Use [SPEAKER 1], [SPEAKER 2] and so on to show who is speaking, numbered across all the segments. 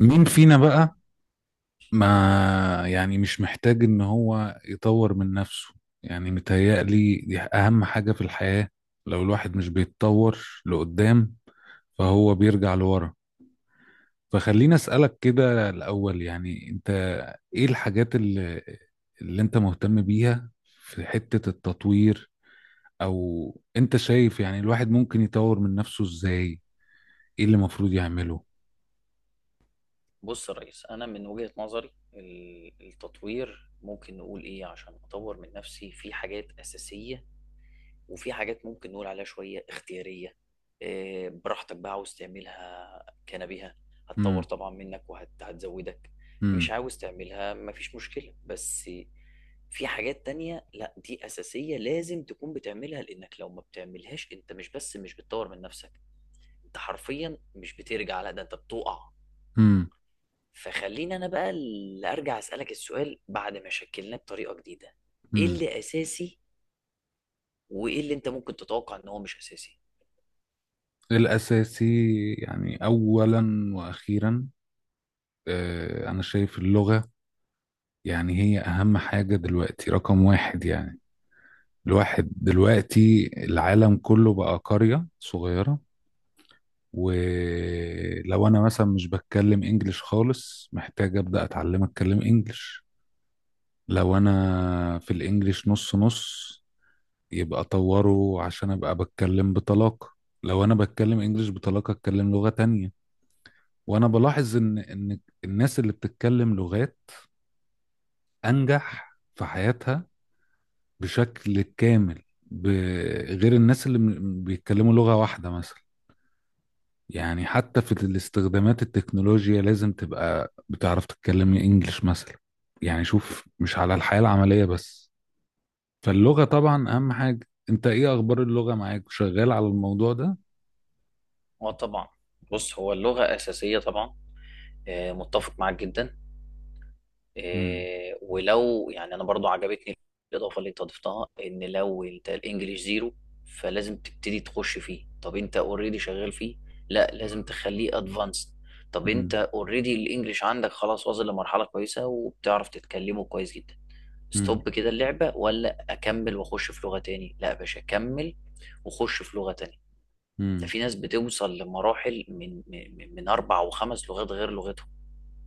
[SPEAKER 1] مين فينا بقى؟ ما، يعني مش محتاج ان هو يطور من نفسه. يعني متهيألي دي اهم حاجة في الحياة. لو الواحد مش بيتطور لقدام، فهو بيرجع لورا. فخليني اسألك كده الاول، يعني انت ايه الحاجات اللي انت مهتم بيها في حتة التطوير؟ او انت شايف يعني الواحد ممكن يطور من نفسه ازاي؟ ايه اللي المفروض يعمله؟
[SPEAKER 2] بص يا ريس، انا من وجهة نظري التطوير ممكن نقول ايه. عشان اطور من نفسي في حاجات اساسية، وفي حاجات ممكن نقول عليها شوية اختيارية. براحتك بقى عاوز تعملها كنبيها، هتطور
[SPEAKER 1] امم.
[SPEAKER 2] طبعا منك وهتزودك. مش عاوز تعملها مفيش مشكلة. بس في حاجات تانية لا، دي اساسية لازم تكون بتعملها، لانك لو ما بتعملهاش انت مش بس مش بتطور من نفسك، انت حرفيا مش بترجع، لا ده انت بتقع.
[SPEAKER 1] امم.
[SPEAKER 2] فخليني انا بقى اللي ارجع اسالك السؤال بعد ما شكلناه بطريقه جديده. ايه
[SPEAKER 1] امم.
[SPEAKER 2] اللي اساسي وايه اللي انت ممكن تتوقع ان هو مش اساسي.
[SPEAKER 1] الأساسي، يعني أولا وأخيرا، آه، أنا شايف اللغة. يعني هي أهم حاجة دلوقتي، رقم واحد يعني. الواحد دلوقتي العالم كله بقى قرية صغيرة. ولو أنا مثلا مش بتكلم إنجليش خالص، محتاج أبدأ أتعلم أتكلم إنجليش. لو أنا في الإنجليش نص نص، يبقى أطوره عشان أبقى بتكلم بطلاقة. لو أنا بتكلم إنجليش بطلاقة، أتكلم لغة تانية. وانا بلاحظ ان الناس اللي بتتكلم لغات انجح في حياتها بشكل كامل بغير الناس اللي بيتكلموا لغة واحدة مثلا. يعني حتى في الاستخدامات التكنولوجيا لازم تبقى بتعرف تتكلم انجلش مثلا. يعني شوف مش على الحياة العملية بس. فاللغة طبعا اهم حاجة. انت ايه اخبار اللغة معاك؟ شغال على الموضوع ده؟
[SPEAKER 2] اه طبعا. بص هو اللغة أساسية طبعا. متفق معاك جدا.
[SPEAKER 1] مم.
[SPEAKER 2] ولو يعني أنا برضو عجبتني الإضافة اللي أنت ضفتها، إن لو أنت الإنجليش زيرو فلازم تبتدي تخش فيه. طب أنت أوريدي شغال فيه، لا لازم تخليه أدفانسد. طب أنت
[SPEAKER 1] مم.
[SPEAKER 2] أوريدي الإنجليش عندك خلاص، واصل لمرحلة كويسة وبتعرف تتكلمه كويس جدا،
[SPEAKER 1] مم.
[SPEAKER 2] ستوب كده اللعبة ولا أكمل وأخش في لغة تاني؟ لا يا باشا، أكمل وأخش في لغة تانية. ده
[SPEAKER 1] مم.
[SPEAKER 2] في ناس بتوصل لمراحل من أربع وخمس لغات غير لغتهم.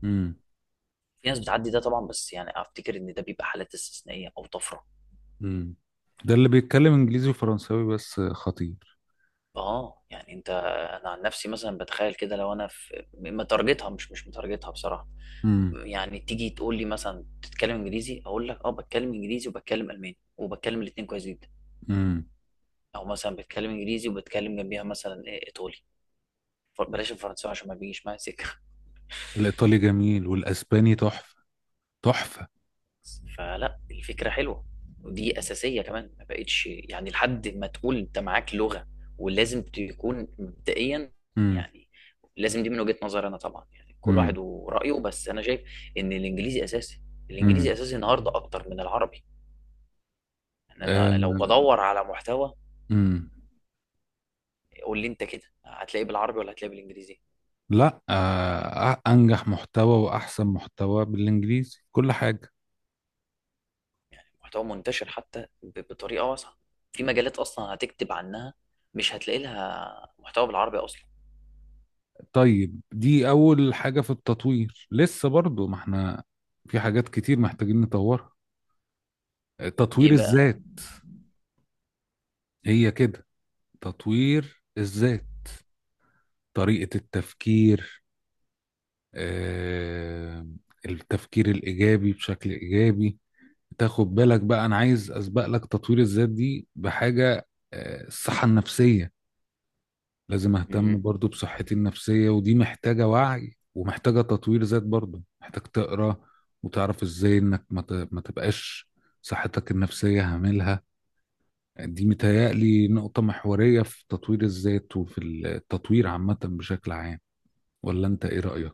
[SPEAKER 1] مم.
[SPEAKER 2] في ناس بتعدي ده طبعا، بس يعني أفتكر إن ده بيبقى حالات استثنائية أو طفرة.
[SPEAKER 1] مم. ده اللي بيتكلم انجليزي وفرنساوي بس خطير.
[SPEAKER 2] آه يعني أنت، أنا عن نفسي مثلا بتخيل كده، لو أنا في متارجتها، مش متارجتها بصراحة،
[SPEAKER 1] امم.
[SPEAKER 2] يعني تيجي تقول لي مثلا بتتكلم إنجليزي، أقول لك آه بتكلم إنجليزي وبتكلم ألماني وبتكلم الاتنين كويس جدا.
[SPEAKER 1] امم.
[SPEAKER 2] أو مثلا بتكلم إنجليزي وبتكلم جنبيها مثلا إيطالي. فبلاش الفرنساوي عشان ما بيجيش معايا سكه.
[SPEAKER 1] الإيطالي جميل والأسباني تحفة. تحفة.
[SPEAKER 2] فلا الفكره حلوه، ودي اساسيه كمان، ما بقتش يعني لحد ما تقول انت معاك لغه ولازم تكون مبدئيا
[SPEAKER 1] امم.
[SPEAKER 2] يعني. لازم دي من وجهه نظري انا طبعا، يعني كل واحد
[SPEAKER 1] امم.
[SPEAKER 2] ورايه، بس انا شايف ان الانجليزي اساسي.
[SPEAKER 1] امم.
[SPEAKER 2] الانجليزي اساسي النهارده اكتر من العربي. يعني انا لو بدور على محتوى،
[SPEAKER 1] امم.
[SPEAKER 2] قول لي انت كده هتلاقيه بالعربي ولا هتلاقيه بالانجليزي؟
[SPEAKER 1] لا، آه، أنجح محتوى وأحسن محتوى بالإنجليزي، كل حاجة.
[SPEAKER 2] محتوى منتشر حتى بطريقه واسعه، في مجالات اصلا هتكتب عنها مش هتلاقي لها محتوى بالعربي اصلا.
[SPEAKER 1] طيب دي أول حاجة في التطوير. لسه برضو ما احنا في حاجات كتير محتاجين نطورها. آه، تطوير
[SPEAKER 2] ايه بقى.
[SPEAKER 1] الذات. هي كده، تطوير الذات، طريقة التفكير، آه، التفكير الإيجابي، بشكل إيجابي. تاخد بالك بقى، انا عايز اسبق لك تطوير الذات دي بحاجه. آه، الصحه النفسيه. لازم
[SPEAKER 2] مم.
[SPEAKER 1] اهتم برضو بصحتي النفسيه، ودي محتاجه وعي ومحتاجه تطوير ذات. برضو محتاج تقرا وتعرف ازاي انك ما تبقاش صحتك النفسيه هاملها. دي متهيألي نقطه محوريه في تطوير الذات وفي التطوير عامه بشكل عام. ولا انت ايه رايك؟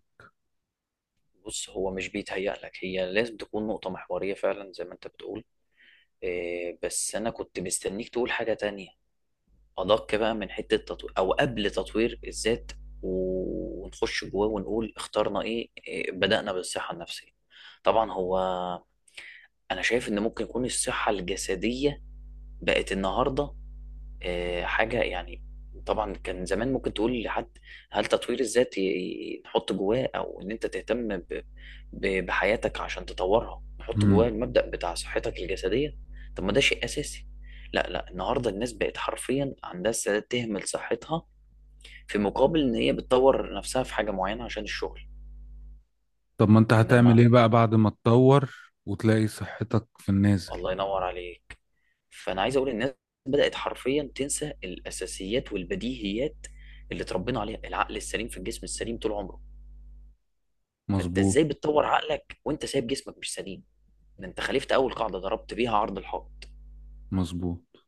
[SPEAKER 2] بص هو مش بيتهيأ لك، هي لازم تكون نقطة محورية فعلا زي ما انت بتقول. إيه، بس انا كنت مستنيك تقول حاجة تانية ادق بقى من حتة تطوير، او قبل تطوير الذات ونخش جواه ونقول اخترنا ايه، بدأنا بالصحة النفسية. طبعا هو انا شايف ان ممكن يكون الصحة الجسدية بقت النهاردة حاجة يعني، طبعا كان زمان ممكن تقول لحد، هل تطوير الذات نحط جواه او ان انت تهتم بحياتك عشان تطورها، نحط جواه
[SPEAKER 1] امم.
[SPEAKER 2] المبدأ بتاع صحتك الجسدية. طب ما ده شيء اساسي. لا لا، النهارده الناس بقت حرفيا عندها استعداد تهمل صحتها في مقابل ان هي بتطور نفسها في حاجة معينة عشان الشغل.
[SPEAKER 1] طب ما انت
[SPEAKER 2] انما
[SPEAKER 1] هتعمل ايه بقى بعد ما تطور وتلاقي صحتك في النازل؟
[SPEAKER 2] الله ينور عليك، فانا عايز اقول الناس بدات حرفيا تنسى الاساسيات والبديهيات اللي اتربينا عليها. العقل السليم في الجسم السليم طول عمره. فانت
[SPEAKER 1] مظبوط.
[SPEAKER 2] ازاي بتطور عقلك وانت سايب جسمك مش سليم؟ ده انت خالفت اول قاعده، ضربت بيها عرض الحائط.
[SPEAKER 1] مظبوط.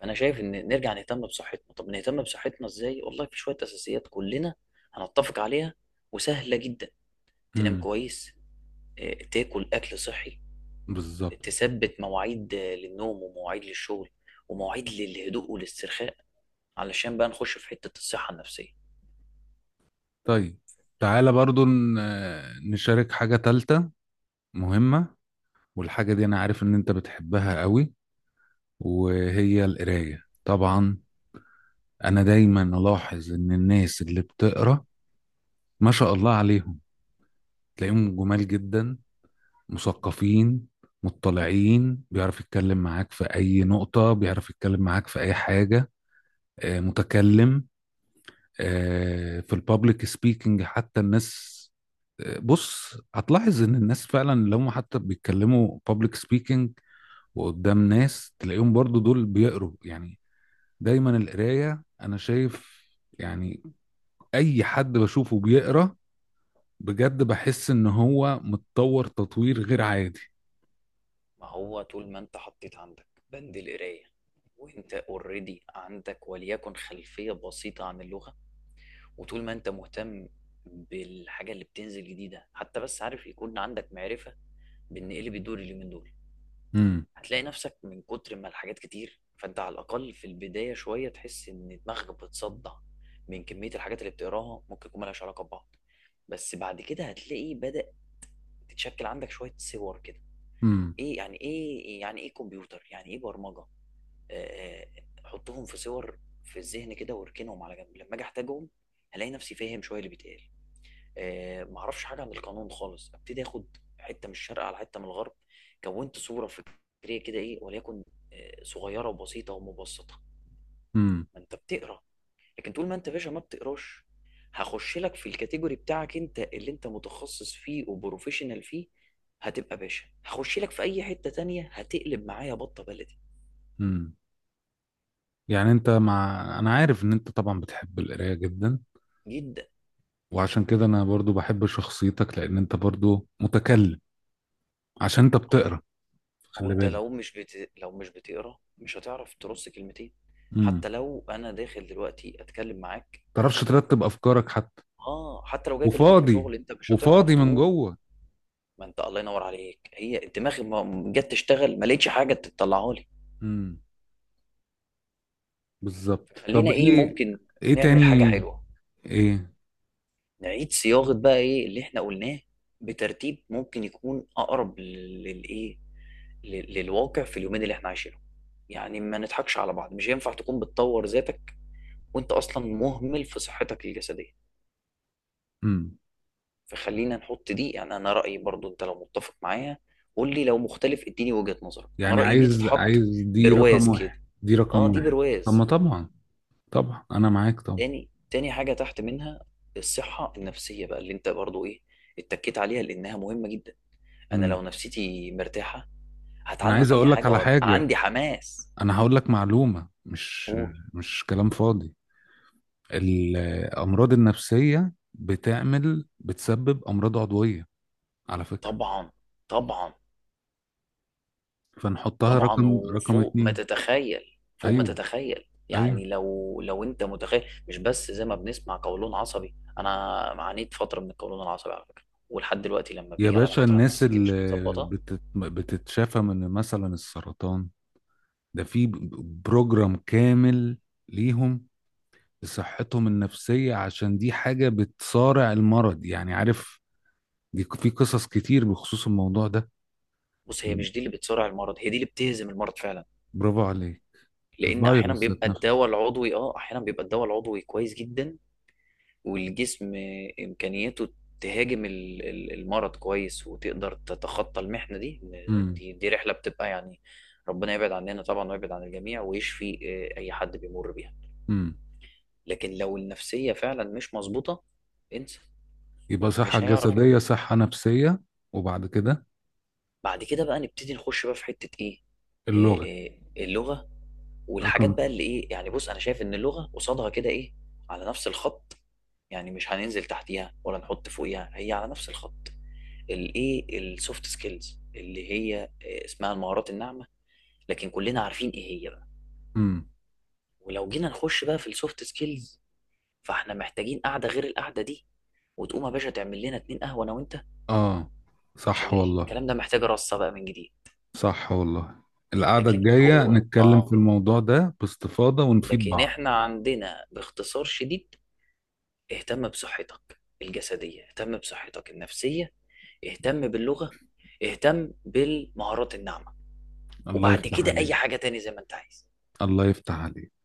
[SPEAKER 2] فانا شايف ان نرجع نهتم بصحتنا. طب نهتم بصحتنا ازاي؟ والله في شويه اساسيات كلنا هنتفق عليها، وسهله جدا. تنام
[SPEAKER 1] امم.
[SPEAKER 2] كويس، تاكل اكل صحي،
[SPEAKER 1] بالظبط.
[SPEAKER 2] تثبت مواعيد للنوم ومواعيد للشغل ومواعيد للهدوء والاسترخاء، علشان بقى نخش في حتة الصحة النفسية.
[SPEAKER 1] طيب تعالى برضو نشارك حاجة تالتة مهمة. والحاجة دي أنا عارف إن أنت بتحبها قوي، وهي القراية طبعا. أنا دايما ألاحظ إن الناس اللي بتقرأ، ما شاء الله عليهم، تلاقيهم جمال جدا، مثقفين، مطلعين. بيعرف يتكلم معاك في أي نقطة، بيعرف يتكلم معاك في أي حاجة. آه، متكلم. آه، في البابليك سبيكنج حتى. الناس، آه، بص هتلاحظ ان الناس فعلا لو هم حتى بيتكلموا بابليك سبيكنج وقدام ناس، تلاقيهم برضو دول بيقروا يعني. دايما القراية انا شايف، يعني اي حد بشوفه بيقرا بجد، بحس ان هو متطور تطوير غير عادي.
[SPEAKER 2] ما هو طول ما انت حطيت عندك بند القراية، وانت اوريدي عندك وليكن خلفية بسيطة عن اللغة، وطول ما انت مهتم بالحاجة اللي بتنزل جديدة، حتى بس عارف يكون عندك معرفة بان ايه اللي بيدور اليومين دول،
[SPEAKER 1] امم.
[SPEAKER 2] هتلاقي نفسك من كتر ما الحاجات كتير فانت على الاقل في البداية شوية تحس ان دماغك بتصدع من كمية الحاجات اللي بتقراها، ممكن يكون ملهاش علاقة ببعض. بس بعد كده هتلاقي بدأ تتشكل عندك شوية صور كده،
[SPEAKER 1] امم.
[SPEAKER 2] ايه يعني، ايه يعني، ايه كمبيوتر، يعني ايه برمجه. آه، آه، حطهم في صور في الذهن كده واركنهم على جنب لما اجي احتاجهم، هلاقي نفسي فاهم شويه اللي بيتقال. معرفش حاجه عن القانون خالص، ابتدي اخد حته من الشرق على حته من الغرب، كونت صوره فكريه كده، ايه وليكن صغيره وبسيطه ومبسطه.
[SPEAKER 1] امم.
[SPEAKER 2] ما انت بتقرا. لكن طول ما انت يا باشا ما بتقراش، هخش لك في الكاتيجوري بتاعك انت اللي انت متخصص فيه وبروفيشنال فيه، هتبقى باشا. هخش لك في اي حتة تانية، هتقلب معايا بطة بلدي.
[SPEAKER 1] امم. يعني انت مع، انا عارف ان انت طبعا بتحب القراية جدا.
[SPEAKER 2] جدا.
[SPEAKER 1] وعشان كده انا برضو بحب شخصيتك، لان انت برضو متكلم عشان انت بتقرا.
[SPEAKER 2] ما هو
[SPEAKER 1] خلي
[SPEAKER 2] انت
[SPEAKER 1] بالك.
[SPEAKER 2] لو مش لو مش بتقرا مش هتعرف ترص كلمتين.
[SPEAKER 1] امم.
[SPEAKER 2] حتى لو انا داخل دلوقتي اتكلم معاك،
[SPEAKER 1] تعرفش ترتب افكارك حتى.
[SPEAKER 2] اه حتى لو جاي اكلمك في
[SPEAKER 1] وفاضي.
[SPEAKER 2] شغل انت مش هتعرف
[SPEAKER 1] وفاضي من
[SPEAKER 2] تقوم.
[SPEAKER 1] جوه.
[SPEAKER 2] ما انت الله ينور عليك، هي انت دماغي ما جت تشتغل ما لقيتش حاجة تطلعها لي.
[SPEAKER 1] امم. بالظبط. طب
[SPEAKER 2] فخلينا ايه،
[SPEAKER 1] ايه؟
[SPEAKER 2] ممكن
[SPEAKER 1] ايه
[SPEAKER 2] نعمل حاجة
[SPEAKER 1] تاني؟
[SPEAKER 2] حلوة،
[SPEAKER 1] ايه؟
[SPEAKER 2] نعيد صياغة بقى ايه اللي احنا قلناه بترتيب ممكن يكون اقرب للايه، للواقع في اليومين اللي احنا عايشينهم. يعني ما نضحكش على بعض، مش هينفع تكون بتطور ذاتك وانت اصلا مهمل في صحتك الجسدية.
[SPEAKER 1] امم.
[SPEAKER 2] فخلينا نحط دي، يعني انا رأيي، برضو انت لو متفق معايا قول لي، لو مختلف اديني وجهة نظرك، انا
[SPEAKER 1] يعني
[SPEAKER 2] رأيي دي
[SPEAKER 1] عايز،
[SPEAKER 2] تتحط
[SPEAKER 1] عايز دي رقم
[SPEAKER 2] برواز كده.
[SPEAKER 1] واحد، دي رقم
[SPEAKER 2] اه دي
[SPEAKER 1] واحد. طب ما
[SPEAKER 2] برواز.
[SPEAKER 1] طبعا. طبعا انا معاك طبعا.
[SPEAKER 2] تاني، حاجة تحت منها الصحة النفسية بقى اللي انت برضو ايه اتكيت عليها لانها مهمة جدا. انا لو
[SPEAKER 1] امم.
[SPEAKER 2] نفسيتي مرتاحه
[SPEAKER 1] انا عايز
[SPEAKER 2] هتعلم اي
[SPEAKER 1] اقول لك
[SPEAKER 2] حاجه
[SPEAKER 1] على
[SPEAKER 2] وابقى
[SPEAKER 1] حاجه.
[SPEAKER 2] عندي حماس.
[SPEAKER 1] انا هقول لك معلومه، مش
[SPEAKER 2] قول.
[SPEAKER 1] مش كلام فاضي. الامراض النفسيه بتعمل، بتسبب امراض عضويه على فكره.
[SPEAKER 2] طبعا طبعا.
[SPEAKER 1] فنحطها رقم
[SPEAKER 2] طبعا
[SPEAKER 1] رقم
[SPEAKER 2] وفوق ما
[SPEAKER 1] اتنين.
[SPEAKER 2] تتخيل، فوق ما
[SPEAKER 1] ايوه.
[SPEAKER 2] تتخيل.
[SPEAKER 1] ايوه.
[SPEAKER 2] يعني لو انت متخيل، مش بس زي ما بنسمع قولون عصبي، انا عانيت فتره من القولون العصبي على فكره، ولحد دلوقتي لما
[SPEAKER 1] يا
[SPEAKER 2] بيجي على
[SPEAKER 1] باشا،
[SPEAKER 2] فتره
[SPEAKER 1] الناس
[SPEAKER 2] نفسيتي مش
[SPEAKER 1] اللي
[SPEAKER 2] متظبطه.
[SPEAKER 1] بتتشافى من مثلا السرطان، ده في بروجرام كامل ليهم لصحتهم النفسية، عشان دي حاجة بتصارع المرض، يعني عارف. دي في قصص كتير بخصوص الموضوع ده.
[SPEAKER 2] بص هي مش دي اللي بتسرع المرض، هي دي اللي بتهزم المرض فعلا.
[SPEAKER 1] برافو عليك.
[SPEAKER 2] لان احيانا
[SPEAKER 1] الفيروس ذات
[SPEAKER 2] بيبقى
[SPEAKER 1] نفسه.
[SPEAKER 2] الدواء العضوي، اه احيانا بيبقى الدواء العضوي كويس جدا، والجسم إمكانيته تهاجم المرض كويس وتقدر تتخطى المحنة دي، إن
[SPEAKER 1] امم.
[SPEAKER 2] دي رحلة بتبقى يعني، ربنا يبعد عننا طبعا ويبعد عن الجميع، ويشفي أي حد بيمر بيها.
[SPEAKER 1] امم.
[SPEAKER 2] لكن لو النفسية فعلا مش مظبوطة، انسى،
[SPEAKER 1] يبقى صحة
[SPEAKER 2] مش هيعرف يقوم.
[SPEAKER 1] جسدية، صحة نفسية. وبعد كده
[SPEAKER 2] بعد كده بقى نبتدي نخش بقى في حتة إيه. آه،
[SPEAKER 1] اللغة
[SPEAKER 2] اللغة. والحاجات بقى
[SPEAKER 1] رقم.
[SPEAKER 2] اللي إيه يعني، بص أنا شايف إن اللغة قصادها كده إيه، على نفس الخط، يعني مش هننزل تحتيها ولا نحط فوقيها، هي على نفس الخط. الايه السوفت سكيلز، اللي هي اسمها المهارات الناعمه، لكن كلنا عارفين ايه هي بقى.
[SPEAKER 1] امم.
[SPEAKER 2] ولو جينا نخش بقى في السوفت سكيلز، فاحنا محتاجين قعده غير القعده دي، وتقوم يا باشا تعمل لنا اتنين قهوه انا وانت،
[SPEAKER 1] اه، صح
[SPEAKER 2] عشان
[SPEAKER 1] والله.
[SPEAKER 2] الكلام ده محتاج رصه بقى من جديد.
[SPEAKER 1] صح والله. القعدة
[SPEAKER 2] لكن
[SPEAKER 1] الجاية
[SPEAKER 2] هو
[SPEAKER 1] نتكلم في
[SPEAKER 2] اه،
[SPEAKER 1] الموضوع ده باستفاضة ونفيد
[SPEAKER 2] لكن
[SPEAKER 1] بعض.
[SPEAKER 2] احنا عندنا باختصار شديد: اهتم بصحتك الجسديه، اهتم بصحتك النفسيه، اهتم باللغه، اهتم بالمهارات الناعمه،
[SPEAKER 1] الله
[SPEAKER 2] وبعد
[SPEAKER 1] يفتح
[SPEAKER 2] كده
[SPEAKER 1] عليك.
[SPEAKER 2] اي حاجه تاني زي ما انت عايز.
[SPEAKER 1] الله يفتح عليك.